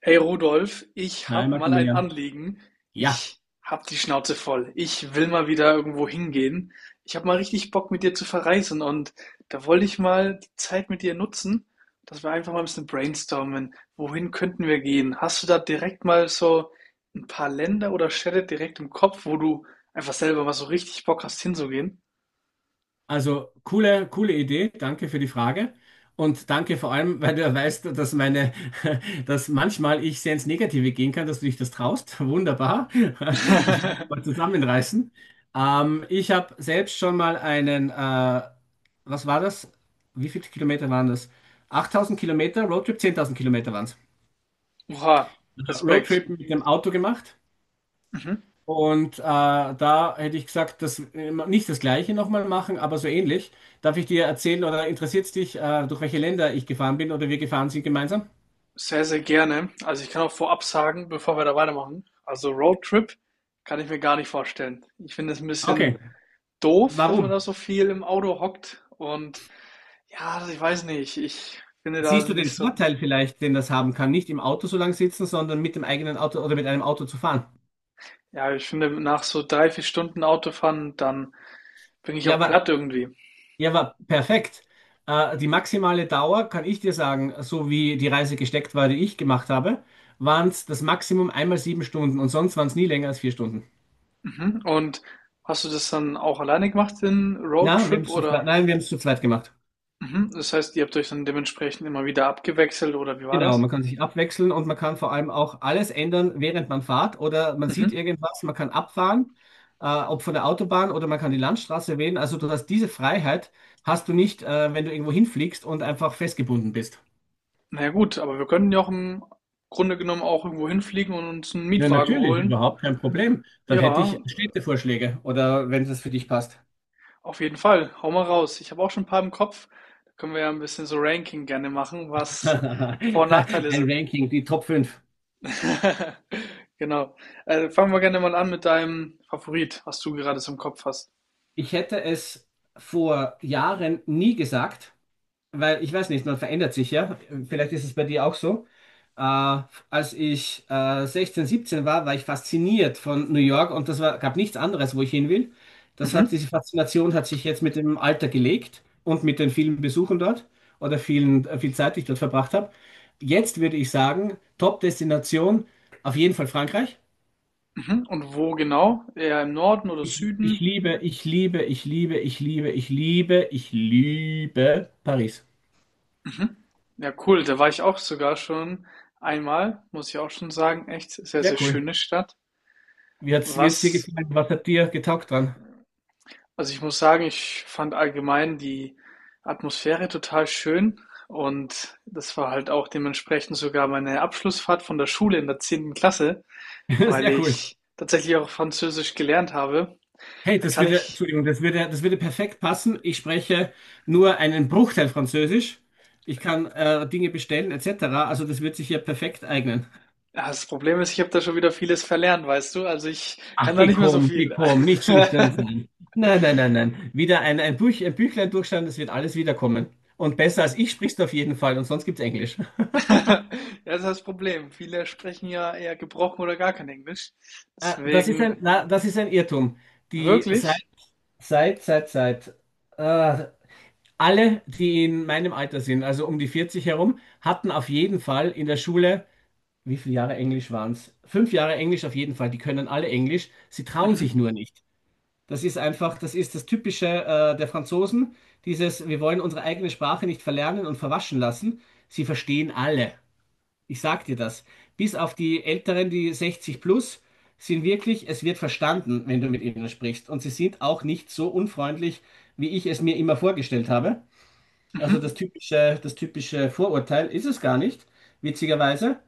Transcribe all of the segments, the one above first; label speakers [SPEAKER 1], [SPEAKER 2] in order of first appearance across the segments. [SPEAKER 1] Hey Rudolf, ich
[SPEAKER 2] Hi
[SPEAKER 1] hab mal ein
[SPEAKER 2] Maximilian.
[SPEAKER 1] Anliegen.
[SPEAKER 2] Ja,
[SPEAKER 1] Ich hab die Schnauze voll. Ich will mal wieder irgendwo hingehen. Ich hab mal richtig Bock, mit dir zu verreisen und da wollte ich mal die Zeit mit dir nutzen, dass wir einfach mal ein bisschen brainstormen. Wohin könnten wir gehen? Hast du da direkt mal so ein paar Länder oder Städte direkt im Kopf, wo du einfach selber mal so richtig Bock hast, hinzugehen?
[SPEAKER 2] also coole Idee. Danke für die Frage. Und danke vor allem, weil du ja weißt, dass manchmal ich sehr ins Negative gehen kann, dass du dich das traust. Wunderbar. Ich werde mich mal zusammenreißen. Ich habe selbst schon mal was war das? Wie viele Kilometer waren das? 8.000 Kilometer Roadtrip, 10.000 Kilometer waren es.
[SPEAKER 1] Oha, Respekt.
[SPEAKER 2] Roadtrip mit dem Auto gemacht.
[SPEAKER 1] Mhm.
[SPEAKER 2] Und da hätte ich gesagt, dass nicht das Gleiche nochmal machen, aber so ähnlich. Darf ich dir erzählen oder interessiert es dich, durch welche Länder ich gefahren bin oder wir gefahren sind gemeinsam?
[SPEAKER 1] Sehr, sehr gerne. Also, ich kann auch vorab sagen, bevor wir da weitermachen, also Roadtrip kann ich mir gar nicht vorstellen. Ich finde es ein
[SPEAKER 2] Okay,
[SPEAKER 1] bisschen doof, dass man
[SPEAKER 2] warum?
[SPEAKER 1] da so viel im Auto hockt und ja, also ich weiß nicht, ich finde da
[SPEAKER 2] Siehst du den
[SPEAKER 1] nicht so.
[SPEAKER 2] Vorteil vielleicht, den das haben kann, nicht im Auto so lang sitzen, sondern mit dem eigenen Auto oder mit einem Auto zu fahren?
[SPEAKER 1] Ja, ich finde, nach so 3, 4 Stunden Autofahren, dann bin ich
[SPEAKER 2] Ja,
[SPEAKER 1] auch
[SPEAKER 2] aber,
[SPEAKER 1] platt irgendwie.
[SPEAKER 2] ja, aber perfekt. Die maximale Dauer, kann ich dir sagen, so wie die Reise gesteckt war, die ich gemacht habe, waren es das Maximum einmal sieben Stunden und sonst waren es nie länger als vier Stunden.
[SPEAKER 1] Mhm. Und hast du das dann auch alleine gemacht, den
[SPEAKER 2] Na, wir haben
[SPEAKER 1] Roadtrip
[SPEAKER 2] es zu zweit,
[SPEAKER 1] oder?
[SPEAKER 2] nein, wir haben es zu zweit gemacht.
[SPEAKER 1] Mhm, das heißt, ihr habt euch dann dementsprechend immer wieder abgewechselt oder wie war
[SPEAKER 2] Genau,
[SPEAKER 1] das?
[SPEAKER 2] man kann sich abwechseln und man kann vor allem auch alles ändern, während man fährt oder man sieht
[SPEAKER 1] Mhm.
[SPEAKER 2] irgendwas, man kann abfahren, ob von der Autobahn oder man kann die Landstraße wählen. Also du hast diese Freiheit, hast du nicht, wenn du irgendwo hinfliegst und einfach festgebunden bist.
[SPEAKER 1] Na ja gut, aber wir können ja auch im Grunde genommen auch irgendwo hinfliegen und uns einen
[SPEAKER 2] Ja,
[SPEAKER 1] Mietwagen
[SPEAKER 2] natürlich,
[SPEAKER 1] holen.
[SPEAKER 2] überhaupt kein Problem. Dann hätte
[SPEAKER 1] Ja,
[SPEAKER 2] ich Städtevorschläge oder wenn es für dich passt.
[SPEAKER 1] auf jeden Fall. Hau mal raus. Ich habe auch schon ein paar im Kopf. Da können wir ja ein bisschen so Ranking gerne machen, was Vor
[SPEAKER 2] Ein
[SPEAKER 1] und Nachteile sind.
[SPEAKER 2] Ranking, die Top fünf.
[SPEAKER 1] Genau. Fangen wir gerne mal an mit deinem Favorit, was du gerade so im Kopf hast.
[SPEAKER 2] Ich hätte es vor Jahren nie gesagt, weil ich weiß nicht, man verändert sich ja. Vielleicht ist es bei dir auch so. Äh, als ich 16, 17 war, war ich fasziniert von New York und das war, gab nichts anderes, wo ich hin will. Das hat,
[SPEAKER 1] Mhm.
[SPEAKER 2] diese Faszination hat sich jetzt mit dem Alter gelegt und mit den vielen Besuchen dort oder viel Zeit, die ich dort verbracht habe. Jetzt würde ich sagen, Top-Destination auf jeden Fall Frankreich.
[SPEAKER 1] Mhm. Und wo genau? Eher im Norden oder
[SPEAKER 2] Ich
[SPEAKER 1] Süden?
[SPEAKER 2] liebe, ich liebe, ich liebe, ich liebe, ich liebe, ich liebe Paris.
[SPEAKER 1] Mhm. Ja, cool. Da war ich auch sogar schon einmal, muss ich auch schon sagen. Echt sehr,
[SPEAKER 2] Sehr
[SPEAKER 1] sehr
[SPEAKER 2] cool.
[SPEAKER 1] schöne Stadt.
[SPEAKER 2] Wie wie dir
[SPEAKER 1] Was
[SPEAKER 2] gefallen? Was hat dir getaugt dran?
[SPEAKER 1] Also, ich muss sagen, ich fand allgemein die Atmosphäre total schön und das war halt auch dementsprechend sogar meine Abschlussfahrt von der Schule in der 10. Klasse, weil
[SPEAKER 2] Sehr cool.
[SPEAKER 1] ich tatsächlich auch Französisch gelernt habe.
[SPEAKER 2] Hey,
[SPEAKER 1] Da kann ich
[SPEAKER 2] Entschuldigung, das würde perfekt passen. Ich spreche nur einen Bruchteil Französisch. Ich kann Dinge bestellen, etc. Also das wird sich hier perfekt eignen.
[SPEAKER 1] Ja, das Problem ist, ich habe da schon wieder vieles verlernt, weißt du? Also, ich kann
[SPEAKER 2] Ach,
[SPEAKER 1] da nicht mehr so
[SPEAKER 2] geh
[SPEAKER 1] viel.
[SPEAKER 2] komm, nicht schüchtern sein. Nein, nein, nein, nein. Wieder ein Buch, ein Büchlein durchschauen, das wird alles wiederkommen. Und besser als ich sprichst du auf jeden Fall und sonst gibt's Englisch.
[SPEAKER 1] Ja, das ist das Problem. Viele sprechen ja eher gebrochen oder gar kein Englisch.
[SPEAKER 2] Das ist
[SPEAKER 1] Deswegen
[SPEAKER 2] das ist ein Irrtum. Die seit,
[SPEAKER 1] wirklich.
[SPEAKER 2] seit, seit, seit äh, Alle, die in meinem Alter sind, also um die 40 herum, hatten auf jeden Fall in der Schule, wie viele Jahre Englisch waren es? 5 Jahre Englisch auf jeden Fall, die können alle Englisch, sie trauen sich
[SPEAKER 1] Mhm,
[SPEAKER 2] nur nicht. Das ist das Typische der Franzosen, dieses, wir wollen unsere eigene Sprache nicht verlernen und verwaschen lassen. Sie verstehen alle. Ich sag dir das. Bis auf die Älteren, die 60 plus, sind wirklich, es wird verstanden, wenn du mit ihnen sprichst. Und sie sind auch nicht so unfreundlich, wie ich es mir immer vorgestellt habe. Also
[SPEAKER 1] mhm.
[SPEAKER 2] das typische Vorurteil ist es gar nicht, witzigerweise.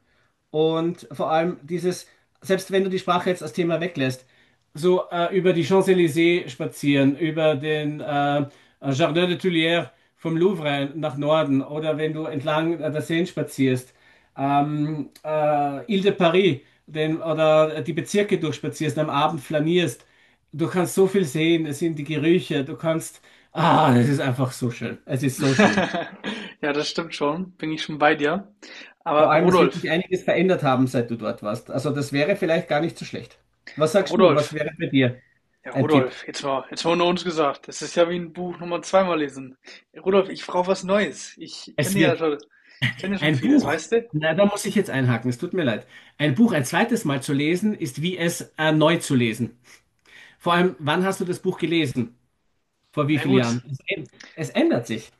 [SPEAKER 2] Und vor allem dieses, selbst wenn du die Sprache jetzt als Thema weglässt, über die Champs-Élysées spazieren, über den Jardin des Tuileries vom Louvre nach Norden oder wenn du entlang der Seine spazierst, Ile de Paris oder die Bezirke durchspazierst, am Abend flanierst. Du kannst so viel sehen, es sind die Gerüche, du kannst... Ah, es ist einfach so schön. Es ist so schön.
[SPEAKER 1] Ja, das stimmt schon. Bin ich schon bei dir.
[SPEAKER 2] Vor
[SPEAKER 1] Aber
[SPEAKER 2] allem, es wird
[SPEAKER 1] Rudolf,
[SPEAKER 2] sich einiges verändert haben, seit du dort warst. Also das wäre vielleicht gar nicht so schlecht. Was sagst du? Was
[SPEAKER 1] Rudolf,
[SPEAKER 2] wäre bei dir
[SPEAKER 1] ja,
[SPEAKER 2] ein Tipp?
[SPEAKER 1] Rudolf, jetzt mal unter uns gesagt. Das ist ja wie ein Buch nochmal zweimal lesen. Rudolf, ich brauche was Neues. Ich
[SPEAKER 2] Es
[SPEAKER 1] kenne ja
[SPEAKER 2] wird
[SPEAKER 1] schon, ich kenne ja schon
[SPEAKER 2] ein
[SPEAKER 1] vieles,
[SPEAKER 2] Buch,
[SPEAKER 1] weißt du?
[SPEAKER 2] na, Da muss ich jetzt einhaken, es tut mir leid. Ein Buch ein zweites Mal zu lesen, ist wie es neu zu lesen. Vor allem, wann hast du das Buch gelesen? Vor wie
[SPEAKER 1] Na
[SPEAKER 2] vielen
[SPEAKER 1] gut.
[SPEAKER 2] Jahren? Es ändert sich.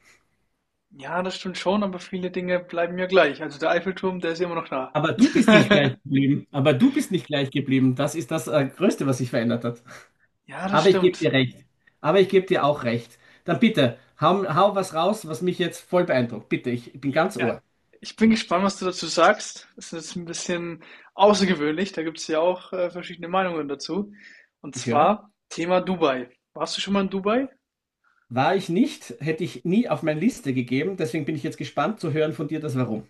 [SPEAKER 1] Ja, das stimmt schon, aber viele Dinge bleiben ja gleich. Also der Eiffelturm, der ist ja immer noch da.
[SPEAKER 2] Aber du bist nicht gleich geblieben. Aber du bist nicht gleich geblieben. Das ist das Größte, was sich verändert hat.
[SPEAKER 1] Ja, das
[SPEAKER 2] Aber ich gebe
[SPEAKER 1] stimmt.
[SPEAKER 2] dir recht. Aber ich gebe dir auch recht. Dann bitte, hau, hau was raus, was mich jetzt voll beeindruckt. Bitte, ich bin ganz
[SPEAKER 1] Ja,
[SPEAKER 2] Ohr.
[SPEAKER 1] ich bin gespannt, was du dazu sagst. Das ist jetzt ein bisschen außergewöhnlich. Da gibt es ja auch verschiedene Meinungen dazu. Und
[SPEAKER 2] Ich höre.
[SPEAKER 1] zwar Thema Dubai. Warst du schon mal in Dubai?
[SPEAKER 2] War ich nicht, hätte ich nie auf meine Liste gegeben. Deswegen bin ich jetzt gespannt zu hören von dir das Warum.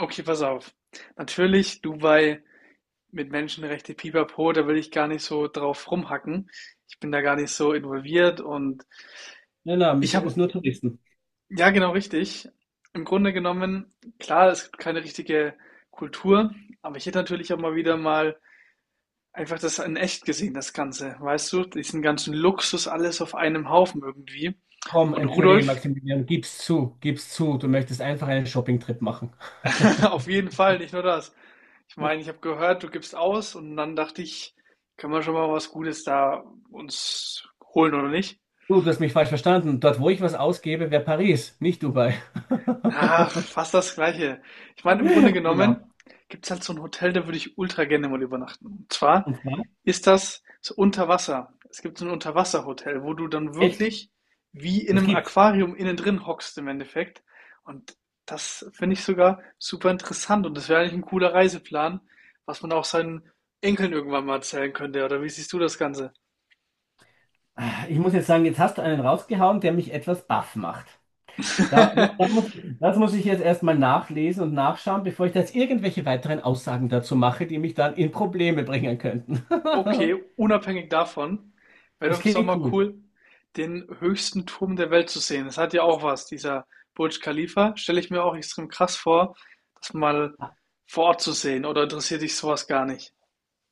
[SPEAKER 1] Okay, pass auf. Natürlich Dubai mit Menschenrechte, Pipapo, da will ich gar nicht so drauf rumhacken. Ich bin da gar nicht so involviert und
[SPEAKER 2] Nein, nein, wir
[SPEAKER 1] ich
[SPEAKER 2] sind es
[SPEAKER 1] habe,
[SPEAKER 2] nur Touristen.
[SPEAKER 1] ja genau richtig, im Grunde genommen, klar, es gibt keine richtige Kultur, aber ich hätte natürlich auch mal wieder mal einfach das in echt gesehen, das Ganze, weißt du? Diesen ganzen Luxus, alles auf einem Haufen irgendwie.
[SPEAKER 2] Komm,
[SPEAKER 1] Und
[SPEAKER 2] entschuldige
[SPEAKER 1] Rudolf,
[SPEAKER 2] Maximilian, gib's zu, gib's zu. Du möchtest einfach einen Shopping-Trip machen.
[SPEAKER 1] auf jeden Fall, nicht nur das. Ich meine, ich habe gehört, du gibst aus und dann dachte ich, können wir schon mal was Gutes da uns holen oder nicht?
[SPEAKER 2] Du hast mich falsch verstanden. Dort, wo ich was ausgebe, wäre Paris, nicht Dubai.
[SPEAKER 1] Ach, fast das Gleiche. Ich meine, im Grunde
[SPEAKER 2] Genau.
[SPEAKER 1] genommen gibt es halt so ein Hotel, da würde ich ultra gerne mal übernachten. Und zwar
[SPEAKER 2] Und zwar?
[SPEAKER 1] Ist das so unter Wasser? Es gibt so ein Unterwasserhotel, wo du dann
[SPEAKER 2] Echt?
[SPEAKER 1] wirklich wie in
[SPEAKER 2] Das
[SPEAKER 1] einem
[SPEAKER 2] gibt's.
[SPEAKER 1] Aquarium innen drin hockst im Endeffekt. Und das finde ich sogar super interessant. Und das wäre eigentlich ein cooler Reiseplan, was man auch seinen Enkeln irgendwann mal erzählen könnte, oder wie siehst du das Ganze?
[SPEAKER 2] Ich muss jetzt sagen, jetzt hast du einen rausgehauen, der mich etwas baff macht. Da, da muss, das muss ich jetzt erstmal nachlesen und nachschauen, bevor ich da jetzt irgendwelche weiteren Aussagen dazu mache, die mich dann in Probleme bringen könnten.
[SPEAKER 1] Okay, unabhängig davon, wäre
[SPEAKER 2] Es
[SPEAKER 1] doch es doch
[SPEAKER 2] klingt
[SPEAKER 1] mal
[SPEAKER 2] cool.
[SPEAKER 1] cool, den höchsten Turm der Welt zu sehen. Das hat ja auch was, dieser Burj Khalifa. Stelle ich mir auch extrem krass vor, das mal vor Ort zu sehen. Oder interessiert dich sowas gar nicht?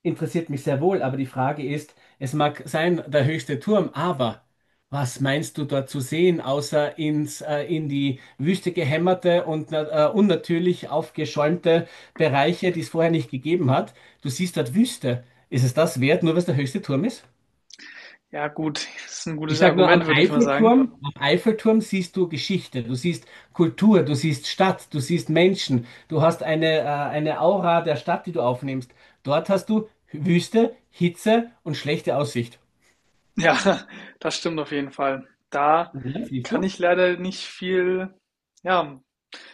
[SPEAKER 2] Interessiert mich sehr wohl, aber die Frage ist, es mag sein, der höchste Turm, aber was meinst du dort zu sehen, außer in die Wüste gehämmerte und unnatürlich aufgeschäumte Bereiche, die es vorher nicht gegeben hat? Du siehst dort Wüste. Ist es das wert, nur weil es der höchste Turm ist?
[SPEAKER 1] Ja, gut, das ist ein
[SPEAKER 2] Ich
[SPEAKER 1] gutes
[SPEAKER 2] sage nur,
[SPEAKER 1] Argument, würde ich mal sagen.
[SPEAKER 2] Am Eiffelturm siehst du Geschichte, du siehst Kultur, du siehst Stadt, du siehst Menschen, du hast eine Aura der Stadt, die du aufnimmst. Dort hast du Wüste, Hitze und schlechte Aussicht.
[SPEAKER 1] Ja, das stimmt auf jeden Fall. Da
[SPEAKER 2] Ja, siehst
[SPEAKER 1] kann
[SPEAKER 2] du?
[SPEAKER 1] ich leider nicht viel, ja,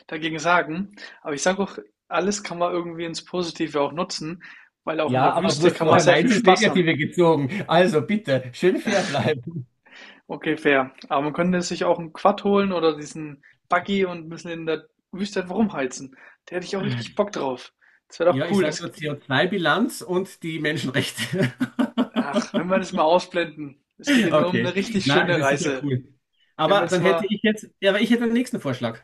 [SPEAKER 1] dagegen sagen. Aber ich sage auch, alles kann man irgendwie ins Positive auch nutzen, weil auch in
[SPEAKER 2] Ja,
[SPEAKER 1] der
[SPEAKER 2] aber du
[SPEAKER 1] Wüste
[SPEAKER 2] hast
[SPEAKER 1] kann man
[SPEAKER 2] vorher
[SPEAKER 1] sehr viel
[SPEAKER 2] meins ins
[SPEAKER 1] Spaß haben.
[SPEAKER 2] Negative gezogen. Also bitte, schön fair bleiben.
[SPEAKER 1] Okay, fair. Aber man könnte sich auch 'n Quad holen oder diesen Buggy und 'n bisschen in der Wüste einfach rumheizen. Da hätte ich auch richtig Bock drauf. Das wäre
[SPEAKER 2] Ja,
[SPEAKER 1] doch
[SPEAKER 2] ich
[SPEAKER 1] cool.
[SPEAKER 2] sage
[SPEAKER 1] Das
[SPEAKER 2] nur CO2-Bilanz und die Menschenrechte.
[SPEAKER 1] Ach, wenn wir das mal ausblenden. Es geht hier nur um eine
[SPEAKER 2] Okay,
[SPEAKER 1] richtig
[SPEAKER 2] na, es
[SPEAKER 1] schöne
[SPEAKER 2] ist sicher
[SPEAKER 1] Reise.
[SPEAKER 2] cool.
[SPEAKER 1] Wir haben
[SPEAKER 2] Aber
[SPEAKER 1] jetzt
[SPEAKER 2] dann hätte
[SPEAKER 1] mal
[SPEAKER 2] ich jetzt, ja, aber ich hätte den nächsten Vorschlag.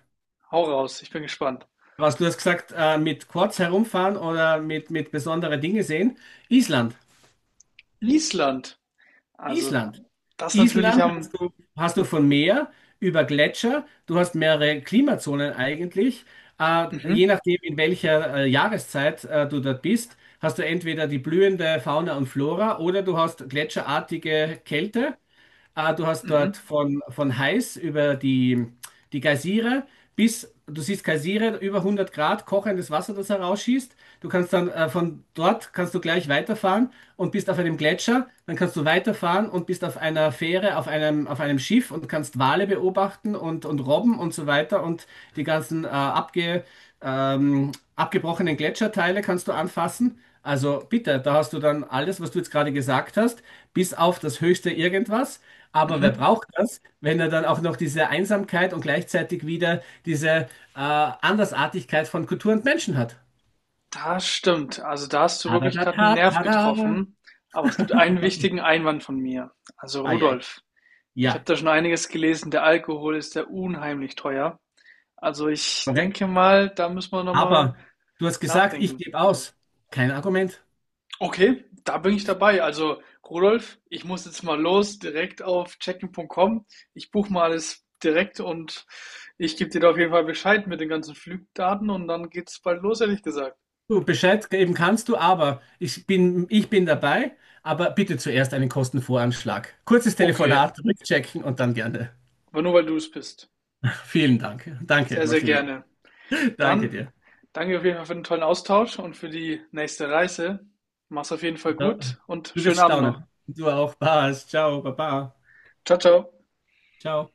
[SPEAKER 1] Hau raus, ich bin gespannt.
[SPEAKER 2] Was du hast gesagt, mit Quads herumfahren oder mit besondere Dinge sehen. Island.
[SPEAKER 1] Island. Also,
[SPEAKER 2] Island.
[SPEAKER 1] das natürlich
[SPEAKER 2] Island
[SPEAKER 1] am.
[SPEAKER 2] hast du von Meer über Gletscher. Du hast mehrere Klimazonen eigentlich. Je
[SPEAKER 1] Mhm,
[SPEAKER 2] nachdem, in welcher Jahreszeit du dort bist, hast du entweder die blühende Fauna und Flora oder du hast gletscherartige Kälte. Du hast
[SPEAKER 1] mhm,
[SPEAKER 2] dort von heiß über die Geysire bis, du siehst Geysire, über 100 Grad kochendes Wasser, das herausschießt. Du kannst dann von dort kannst du gleich weiterfahren und bist auf einem Gletscher. Dann kannst du weiterfahren und bist auf einer Fähre, auf einem Schiff und kannst Wale beobachten und Robben und so weiter und die ganzen abgebrochenen Gletscherteile kannst du anfassen. Also bitte, da hast du dann alles, was du jetzt gerade gesagt hast, bis auf das höchste Irgendwas. Aber wer
[SPEAKER 1] mhm.
[SPEAKER 2] braucht das, wenn er dann auch noch diese Einsamkeit und gleichzeitig wieder diese Andersartigkeit von Kultur und Menschen hat?
[SPEAKER 1] Das stimmt. Also, da hast du wirklich gerade
[SPEAKER 2] Tadadata,
[SPEAKER 1] einen Nerv
[SPEAKER 2] tada.
[SPEAKER 1] getroffen. Aber es gibt einen wichtigen Einwand von mir, also
[SPEAKER 2] Ai, ai.
[SPEAKER 1] Rudolf. Ich habe
[SPEAKER 2] Ja,
[SPEAKER 1] da schon einiges gelesen. Der Alkohol ist ja unheimlich teuer. Also ich
[SPEAKER 2] korrekt.
[SPEAKER 1] denke mal, da müssen wir nochmal
[SPEAKER 2] Aber du hast gesagt, ich
[SPEAKER 1] nachdenken.
[SPEAKER 2] gebe aus. Kein Argument.
[SPEAKER 1] Okay, da bin ich dabei. Also Rudolf, ich muss jetzt mal los, direkt auf checken.com. Ich buche mal alles direkt und ich gebe dir da auf jeden Fall Bescheid mit den ganzen Flugdaten und dann geht's bald los, ehrlich gesagt.
[SPEAKER 2] Du Bescheid geben kannst du, aber ich bin dabei, aber bitte zuerst einen Kostenvoranschlag. Kurzes
[SPEAKER 1] Okay,
[SPEAKER 2] Telefonat, rückchecken und dann gerne.
[SPEAKER 1] aber nur weil du es bist.
[SPEAKER 2] Vielen Dank. Danke,
[SPEAKER 1] Sehr, sehr
[SPEAKER 2] Maximilian.
[SPEAKER 1] gerne.
[SPEAKER 2] Danke
[SPEAKER 1] Dann
[SPEAKER 2] dir.
[SPEAKER 1] danke auf jeden Fall für den tollen Austausch und für die nächste Reise. Mach's auf jeden Fall
[SPEAKER 2] Da-
[SPEAKER 1] gut und
[SPEAKER 2] Du
[SPEAKER 1] schönen
[SPEAKER 2] wirst
[SPEAKER 1] Abend noch.
[SPEAKER 2] staunen. Du auch. Passt. Ciao, Baba.
[SPEAKER 1] Ciao, ciao.
[SPEAKER 2] Ciao.